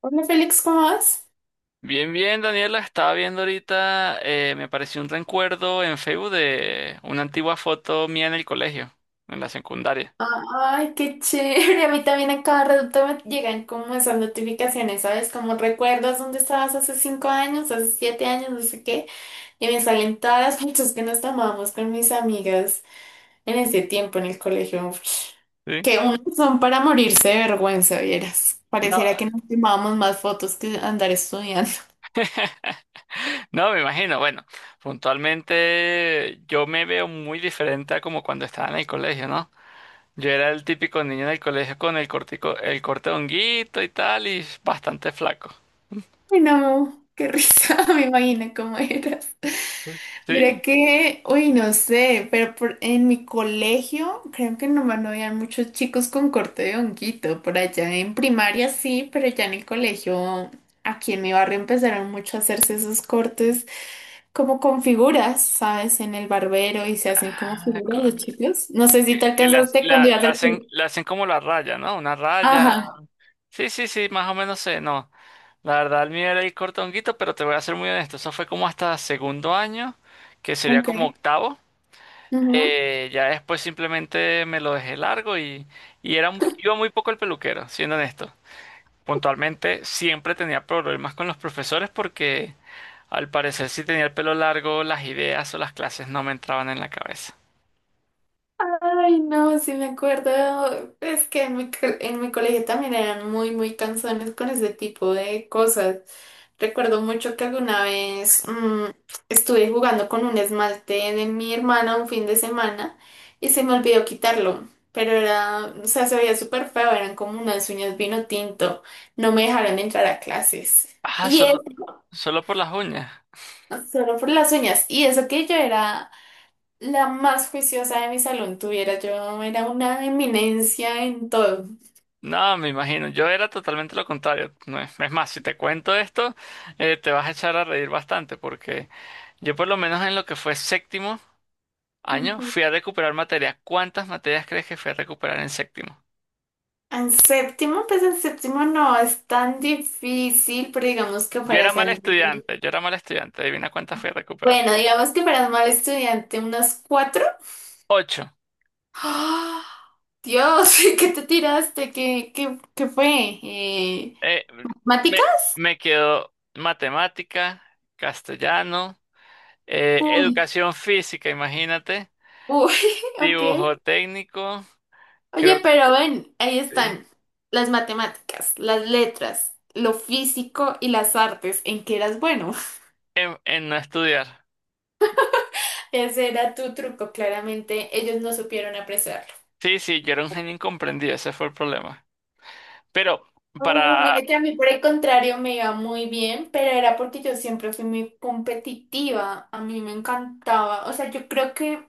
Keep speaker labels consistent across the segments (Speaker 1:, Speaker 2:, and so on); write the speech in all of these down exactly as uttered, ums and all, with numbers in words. Speaker 1: Hola Félix, ¿cómo vas?
Speaker 2: Bien, bien, Daniela. Estaba viendo ahorita, eh, me apareció un recuerdo en Facebook de una antigua foto mía en el colegio, en la secundaria.
Speaker 1: Ay, qué chévere. A mí también a cada rato me llegan como esas notificaciones, ¿sabes? Como recuerdas dónde estabas hace cinco años, hace siete años, no sé qué. Y me salen todas las fotos que nos tomábamos con mis amigas en ese tiempo en el colegio. Uf,
Speaker 2: ¿Sí?
Speaker 1: que unos son para morirse de vergüenza, vieras.
Speaker 2: No,
Speaker 1: Pareciera que nos tomábamos más fotos que andar estudiando.
Speaker 2: no, me imagino. Bueno, puntualmente yo me veo muy diferente a como cuando estaba en el colegio, ¿no? Yo era el típico niño en el colegio con el cortico, el corte de honguito y tal, y bastante flaco.
Speaker 1: Ay, no, qué risa, me imagino cómo eras. Mira
Speaker 2: ¿Sí?
Speaker 1: que, uy, no sé, pero por- en mi colegio creo que nomás no habían muchos chicos con corte de honguito. Por allá en primaria sí, pero ya en el colegio, aquí en mi barrio empezaron mucho a hacerse esos cortes como con figuras, ¿sabes? En el barbero y se hacen como
Speaker 2: Ah, co-
Speaker 1: figuras los chicos. No sé
Speaker 2: que,
Speaker 1: si te
Speaker 2: que las,
Speaker 1: alcanzaste cuando
Speaker 2: la,
Speaker 1: ibas
Speaker 2: la
Speaker 1: al
Speaker 2: hacen,
Speaker 1: colegio.
Speaker 2: la hacen como la raya, ¿no? Una raya.
Speaker 1: Ajá,
Speaker 2: Sí, sí, sí, más o menos sé, no. La verdad, el mío era ir cortonguito, pero te voy a ser muy honesto. Eso fue como hasta segundo año, que sería
Speaker 1: ok.
Speaker 2: como octavo. Eh, ya después simplemente me lo dejé largo y, y era, mu- iba muy poco el peluquero, siendo honesto. Puntualmente siempre tenía problemas con los profesores porque al parecer si tenía el pelo largo, las ideas o las clases no me entraban en la cabeza.
Speaker 1: Ay, no, sí me acuerdo. Es que en mi, co- en mi colegio también eran muy, muy cansones con ese tipo de cosas. Recuerdo mucho que alguna vez mm, estuve jugando con un esmalte de mi hermana un fin de semana y se me olvidó quitarlo. Pero era, o sea, se veía súper feo, eran como unas uñas vino tinto. No me dejaron entrar a clases.
Speaker 2: Ah,
Speaker 1: Y
Speaker 2: solo,
Speaker 1: eso,
Speaker 2: solo por las uñas.
Speaker 1: solo por las uñas. Y eso que yo era la más juiciosa de mi salón, tuviera yo, era una eminencia en todo.
Speaker 2: No, me imagino. Yo era totalmente lo contrario. No. Es es más, si te cuento esto, eh, te vas a echar a reír bastante porque… Yo por lo menos en lo que fue séptimo año
Speaker 1: Ujú.
Speaker 2: fui a recuperar materias. ¿Cuántas materias crees que fui a recuperar en séptimo?
Speaker 1: En séptimo, pues en séptimo no es tan difícil, pero digamos que
Speaker 2: Yo
Speaker 1: para
Speaker 2: era mal
Speaker 1: salir.
Speaker 2: estudiante, yo era mal estudiante. Adivina cuántas fui a recuperar.
Speaker 1: Bueno, digamos que para mal estudiante, unas cuatro.
Speaker 2: Ocho.
Speaker 1: ¡Ah! Dios, ¿qué te tiraste? ¿Qué, qué, qué fue? Eh,
Speaker 2: Eh, me,
Speaker 1: ¿matemáticas?
Speaker 2: me quedó matemática, castellano, eh,
Speaker 1: Uy,
Speaker 2: educación física, imagínate,
Speaker 1: uy, ok.
Speaker 2: dibujo técnico, creo
Speaker 1: Oye,
Speaker 2: que
Speaker 1: pero ven, ahí
Speaker 2: sí,
Speaker 1: están las matemáticas, las letras, lo físico y las artes. ¿En qué eras bueno?
Speaker 2: en, en no estudiar.
Speaker 1: Ese era tu truco, claramente ellos no supieron apreciarlo.
Speaker 2: Sí, sí, yo era un genio incomprendido, ese fue el problema. Pero
Speaker 1: Oh,
Speaker 2: para, o
Speaker 1: mira que a mí, por el contrario, me iba muy bien, pero era porque yo siempre fui muy competitiva, a mí me encantaba, o sea, yo creo que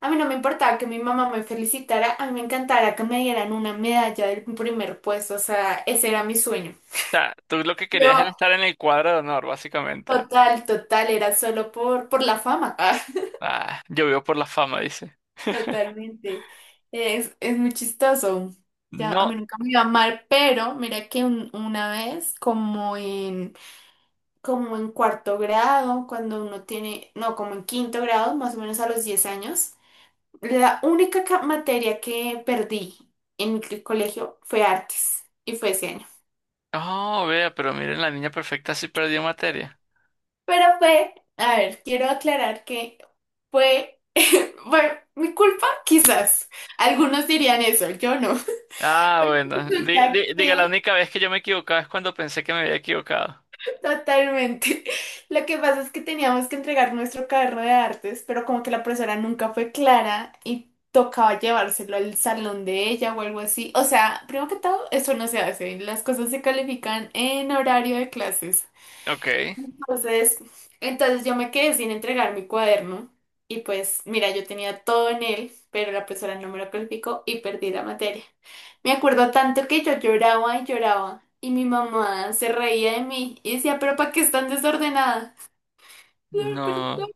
Speaker 1: a mí no me importaba que mi mamá me felicitara, a mí me encantara que me dieran una medalla del primer puesto, o sea, ese era mi sueño.
Speaker 2: sea, tú lo que querías
Speaker 1: Yo,
Speaker 2: era estar en el cuadro de honor, básicamente.
Speaker 1: total, total, era solo por, por la fama.
Speaker 2: Ah, yo vivo por la fama, dice.
Speaker 1: Totalmente. Es, es muy chistoso. Ya, a
Speaker 2: No,
Speaker 1: mí nunca me iba mal, pero mira que un- una vez, como en, como en cuarto grado, cuando uno tiene, no, como en quinto grado, más o menos a los diez años, la única ca- materia que perdí en el colegio fue artes, y fue ese año.
Speaker 2: oh, vea, pero miren, la niña perfecta sí perdió materia.
Speaker 1: Pero fue, a ver, quiero aclarar que fue, bueno, mi culpa, quizás. Algunos dirían eso, yo no.
Speaker 2: Ah,
Speaker 1: Pero
Speaker 2: bueno. Di-
Speaker 1: resulta
Speaker 2: di- diga, la
Speaker 1: que
Speaker 2: única vez que yo me equivocaba es cuando pensé que me había equivocado.
Speaker 1: totalmente. Lo que pasa es que teníamos que entregar nuestro cuaderno de artes, pero como que la profesora nunca fue clara y tocaba llevárselo al salón de ella o algo así. O sea, primero que todo, eso no se hace. Las cosas se califican en horario de clases.
Speaker 2: Ok.
Speaker 1: Entonces, entonces yo me quedé sin entregar mi cuaderno y pues mira, yo tenía todo en él, pero la profesora no me lo calificó y perdí la materia. Me acuerdo tanto que yo lloraba y lloraba y mi mamá se reía de mí y decía, pero ¿para qué es tan desordenada? Yo, "Perdón".
Speaker 2: No,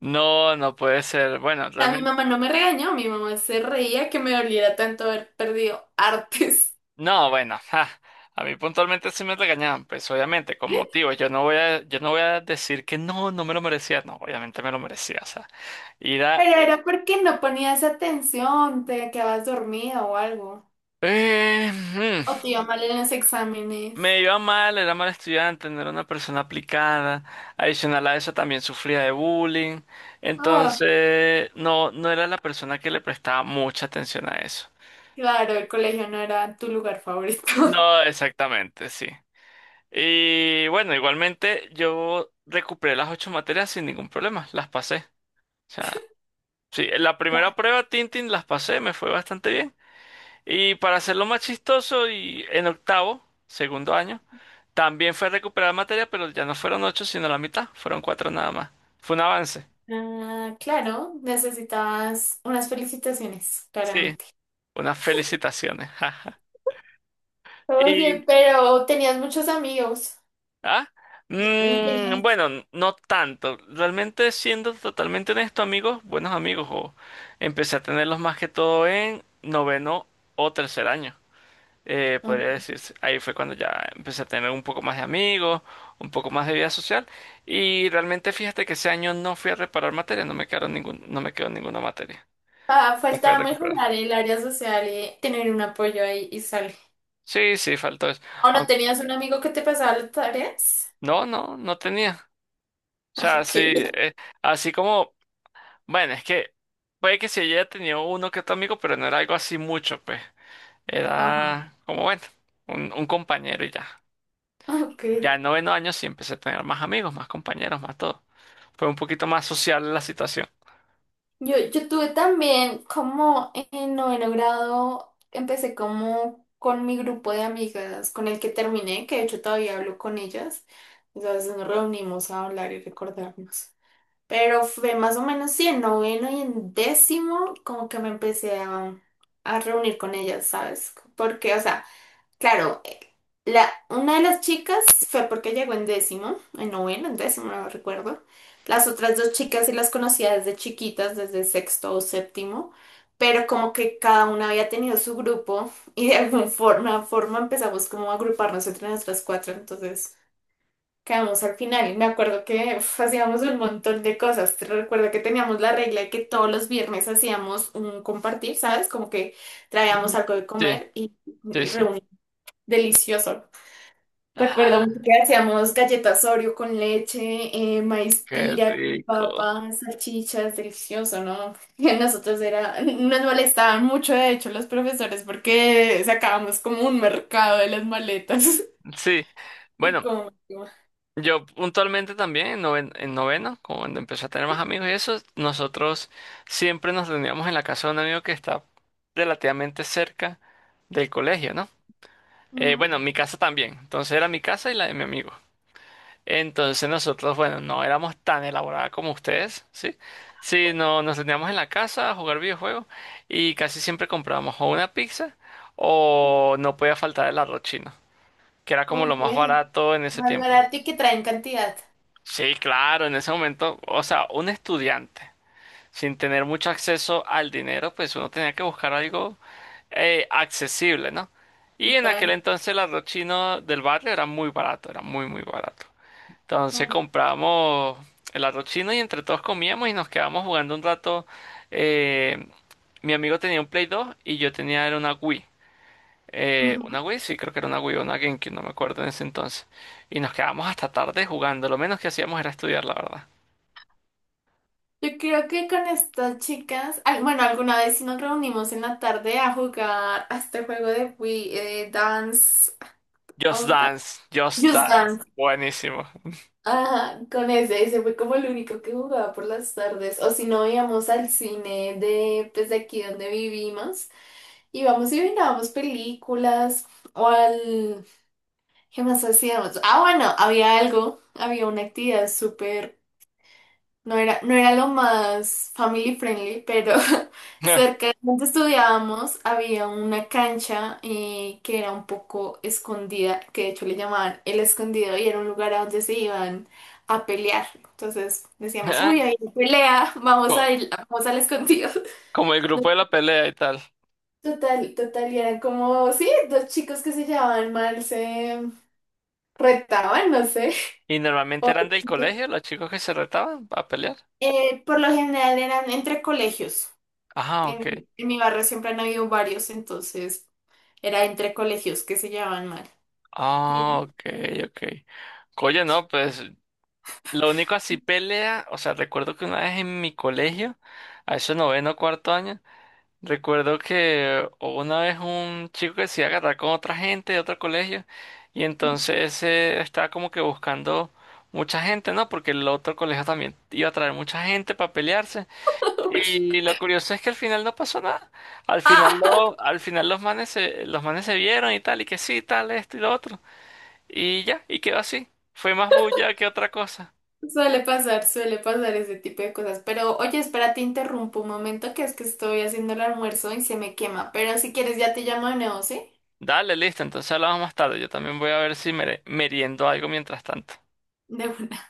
Speaker 2: no, no puede ser. Bueno,
Speaker 1: A mi
Speaker 2: realmente.
Speaker 1: mamá no me regañó, mi mamá se reía que me doliera tanto haber perdido artes.
Speaker 2: No, bueno. ja. A mí puntualmente sí me regañaban, pues obviamente, con motivos. Yo no voy a, yo no voy a decir que no, no me lo merecía. No, obviamente me lo merecía. O sea, ir a.
Speaker 1: Pero era porque no ponías atención, te quedabas dormida o algo. O te iba mal en los exámenes.
Speaker 2: Me iba mal, era mal estudiante, no era una persona aplicada. Adicional a eso también sufría de bullying. Entonces, no, no era la persona que le prestaba mucha atención a eso.
Speaker 1: Claro, el colegio no era tu lugar favorito.
Speaker 2: No, exactamente, sí. Y bueno, igualmente yo recuperé las ocho materias sin ningún problema, las pasé. O sea, sí, en la primera prueba Tintin las pasé, me fue bastante bien. Y para hacerlo más chistoso, y en octavo, segundo año. También fue recuperar materia, pero ya no fueron ocho, sino la mitad. Fueron cuatro nada más. Fue un avance.
Speaker 1: Ah, claro, necesitabas unas felicitaciones,
Speaker 2: Sí,
Speaker 1: claramente.
Speaker 2: unas felicitaciones. Jaja. Y,
Speaker 1: Oye, pero tenías muchos amigos.
Speaker 2: ¿ah?
Speaker 1: No
Speaker 2: Mm,
Speaker 1: Tenías-
Speaker 2: bueno, no tanto. Realmente, siendo totalmente honesto, amigos, buenos amigos, o empecé a tenerlos más que todo en noveno o tercer año. Eh, podría
Speaker 1: mm,
Speaker 2: decirse. Ahí fue cuando ya empecé a tener un poco más de amigos, un poco más de vida social. Y realmente, fíjate que ese año no fui a reparar materia, no me quedaron ningún, no me quedó ninguna materia.
Speaker 1: ah,
Speaker 2: La fue a
Speaker 1: faltaba
Speaker 2: recuperar.
Speaker 1: mejorar el área social y tener un apoyo ahí y sale.
Speaker 2: Sí, sí, faltó eso.
Speaker 1: ¿O no
Speaker 2: Aunque-
Speaker 1: tenías un amigo que te pasaba las tareas?
Speaker 2: no, no, no tenía. O
Speaker 1: Ah,
Speaker 2: sea,
Speaker 1: ok.
Speaker 2: sí, eh, así como, bueno, es que puede que si ella tenía uno que otro amigo, pero no era algo así mucho, pues.
Speaker 1: Ajá.
Speaker 2: Era como, bueno, un, un compañero y ya.
Speaker 1: Ok.
Speaker 2: Ya en noveno año sí empecé a tener más amigos, más compañeros, más todo. Fue un poquito más social la situación.
Speaker 1: Yo, yo tuve también como en noveno grado, empecé como con mi grupo de amigas con el que terminé, que de hecho todavía hablo con ellas. Entonces nos reunimos a hablar y recordarnos. Pero fue más o menos sí, en noveno y en décimo como que me empecé a, a reunir con ellas, ¿sabes? Porque, o sea, claro, eh, la, una de las chicas fue porque llegó en décimo, en noveno, en décimo, no recuerdo. Las otras dos chicas sí las conocía desde chiquitas, desde sexto o séptimo, pero como que cada una había tenido su grupo y de alguna forma, forma empezamos como a agruparnos entre nuestras cuatro, entonces quedamos al final. Y me acuerdo que uf, hacíamos un montón de cosas. Te recuerdo que teníamos la regla de que todos los viernes hacíamos un compartir, ¿sabes? Como que traíamos algo de
Speaker 2: Sí,
Speaker 1: comer y...
Speaker 2: sí, sí.
Speaker 1: reunimos delicioso. Recuerdo mucho
Speaker 2: Ah,
Speaker 1: que hacíamos galletas Oreo con leche, eh, maíz
Speaker 2: qué
Speaker 1: pira con
Speaker 2: rico.
Speaker 1: papas, salchichas, delicioso, ¿no? Y nosotros era, nos molestaban mucho, de hecho, los profesores porque sacábamos como un mercado de las maletas.
Speaker 2: Sí.
Speaker 1: Y
Speaker 2: Bueno,
Speaker 1: como,
Speaker 2: yo puntualmente también, en noven- en noveno, como cuando empecé a tener más amigos y eso, nosotros siempre nos reuníamos en la casa de un amigo que está relativamente cerca del colegio, ¿no? Eh,
Speaker 1: ujú.
Speaker 2: bueno, mi casa también. Entonces era mi casa y la de mi amigo. Entonces nosotros, bueno, no éramos tan elaboradas como ustedes, ¿sí? Sí, no nos reuníamos en la casa a jugar videojuegos y casi siempre comprábamos o una pizza o no podía faltar el arroz chino, que era como lo
Speaker 1: Ok.
Speaker 2: más barato en ese
Speaker 1: Más
Speaker 2: tiempo.
Speaker 1: barato y que traen cantidad.
Speaker 2: Sí, claro, en ese momento, o sea, un estudiante sin tener mucho acceso al dinero, pues uno tenía que buscar algo eh, accesible, ¿no? Y en aquel
Speaker 1: Total.
Speaker 2: entonces el arroz chino del barrio era muy barato, era muy, muy barato. Entonces
Speaker 1: Oh.
Speaker 2: compramos el arroz chino y entre todos comíamos y nos quedábamos jugando un rato. Eh, Mi amigo tenía un Play dos y yo tenía era una Wii. Eh,
Speaker 1: Ujú.
Speaker 2: una Wii, sí, creo que era una Wii o una GameCube, no me acuerdo en ese entonces. Y nos quedábamos hasta tarde jugando, lo menos que hacíamos era estudiar, la verdad.
Speaker 1: Yo creo que con estas chicas, al- bueno, alguna vez sí nos reunimos en la tarde a jugar a este juego de Wii, eh, Dance
Speaker 2: Just
Speaker 1: On Ta-
Speaker 2: Dance, Just
Speaker 1: Just
Speaker 2: Dance.
Speaker 1: Dance.
Speaker 2: Buenísimo.
Speaker 1: Ajá, con ese, ese fue como el único que jugaba por las tardes. O si no, íbamos al cine de, pues, de aquí donde vivimos. Íbamos y mirábamos películas o al... ¿Qué más hacíamos? Ah, bueno, había algo, había una actividad súper. No era, no era lo más family friendly, pero cerca de donde estudiábamos había una cancha eh, que era un poco escondida, que de hecho le llamaban el escondido y era un lugar a donde se iban a pelear. Entonces decíamos,
Speaker 2: Ah,
Speaker 1: uy, hay una pelea, vamos
Speaker 2: Co-
Speaker 1: a ir, vamos al escondido.
Speaker 2: como el
Speaker 1: No,
Speaker 2: grupo de la pelea y tal.
Speaker 1: total, total, y eran como, sí, dos chicos que se llevaban mal, se retaban, no sé.
Speaker 2: ¿Y normalmente eran
Speaker 1: O-
Speaker 2: del colegio los chicos que se retaban a pelear?
Speaker 1: eh, por lo general eran entre colegios.
Speaker 2: Ah, ok.
Speaker 1: En, en mi barrio siempre han habido varios, entonces era entre colegios que se llevaban mal. Y yo,
Speaker 2: Ah, ok, ok. Oye, no, pues lo único así pelea, o sea, recuerdo que una vez en mi colegio, a eso noveno cuarto año, recuerdo que una vez un chico que se iba a agarrar con otra gente de otro colegio y entonces eh, estaba como que buscando mucha gente, ¿no? Porque el otro colegio también iba a traer mucha gente para pelearse.
Speaker 1: "Ush".
Speaker 2: Y lo curioso es que al final no pasó nada. Al final,
Speaker 1: Ah,
Speaker 2: lo, al final los manes se, los manes se vieron y tal, y que sí, tal, esto y lo otro. Y ya, y quedó así. Fue más bulla que otra cosa.
Speaker 1: suele pasar, suele pasar ese tipo de cosas. Pero oye, espera, te interrumpo un momento que es que estoy haciendo el almuerzo y se me quema. Pero si quieres ya te llamo de nuevo, ¿sí?
Speaker 2: Dale, listo, entonces hablamos más tarde. Yo también voy a ver si mere- meriendo algo mientras tanto.
Speaker 1: De una.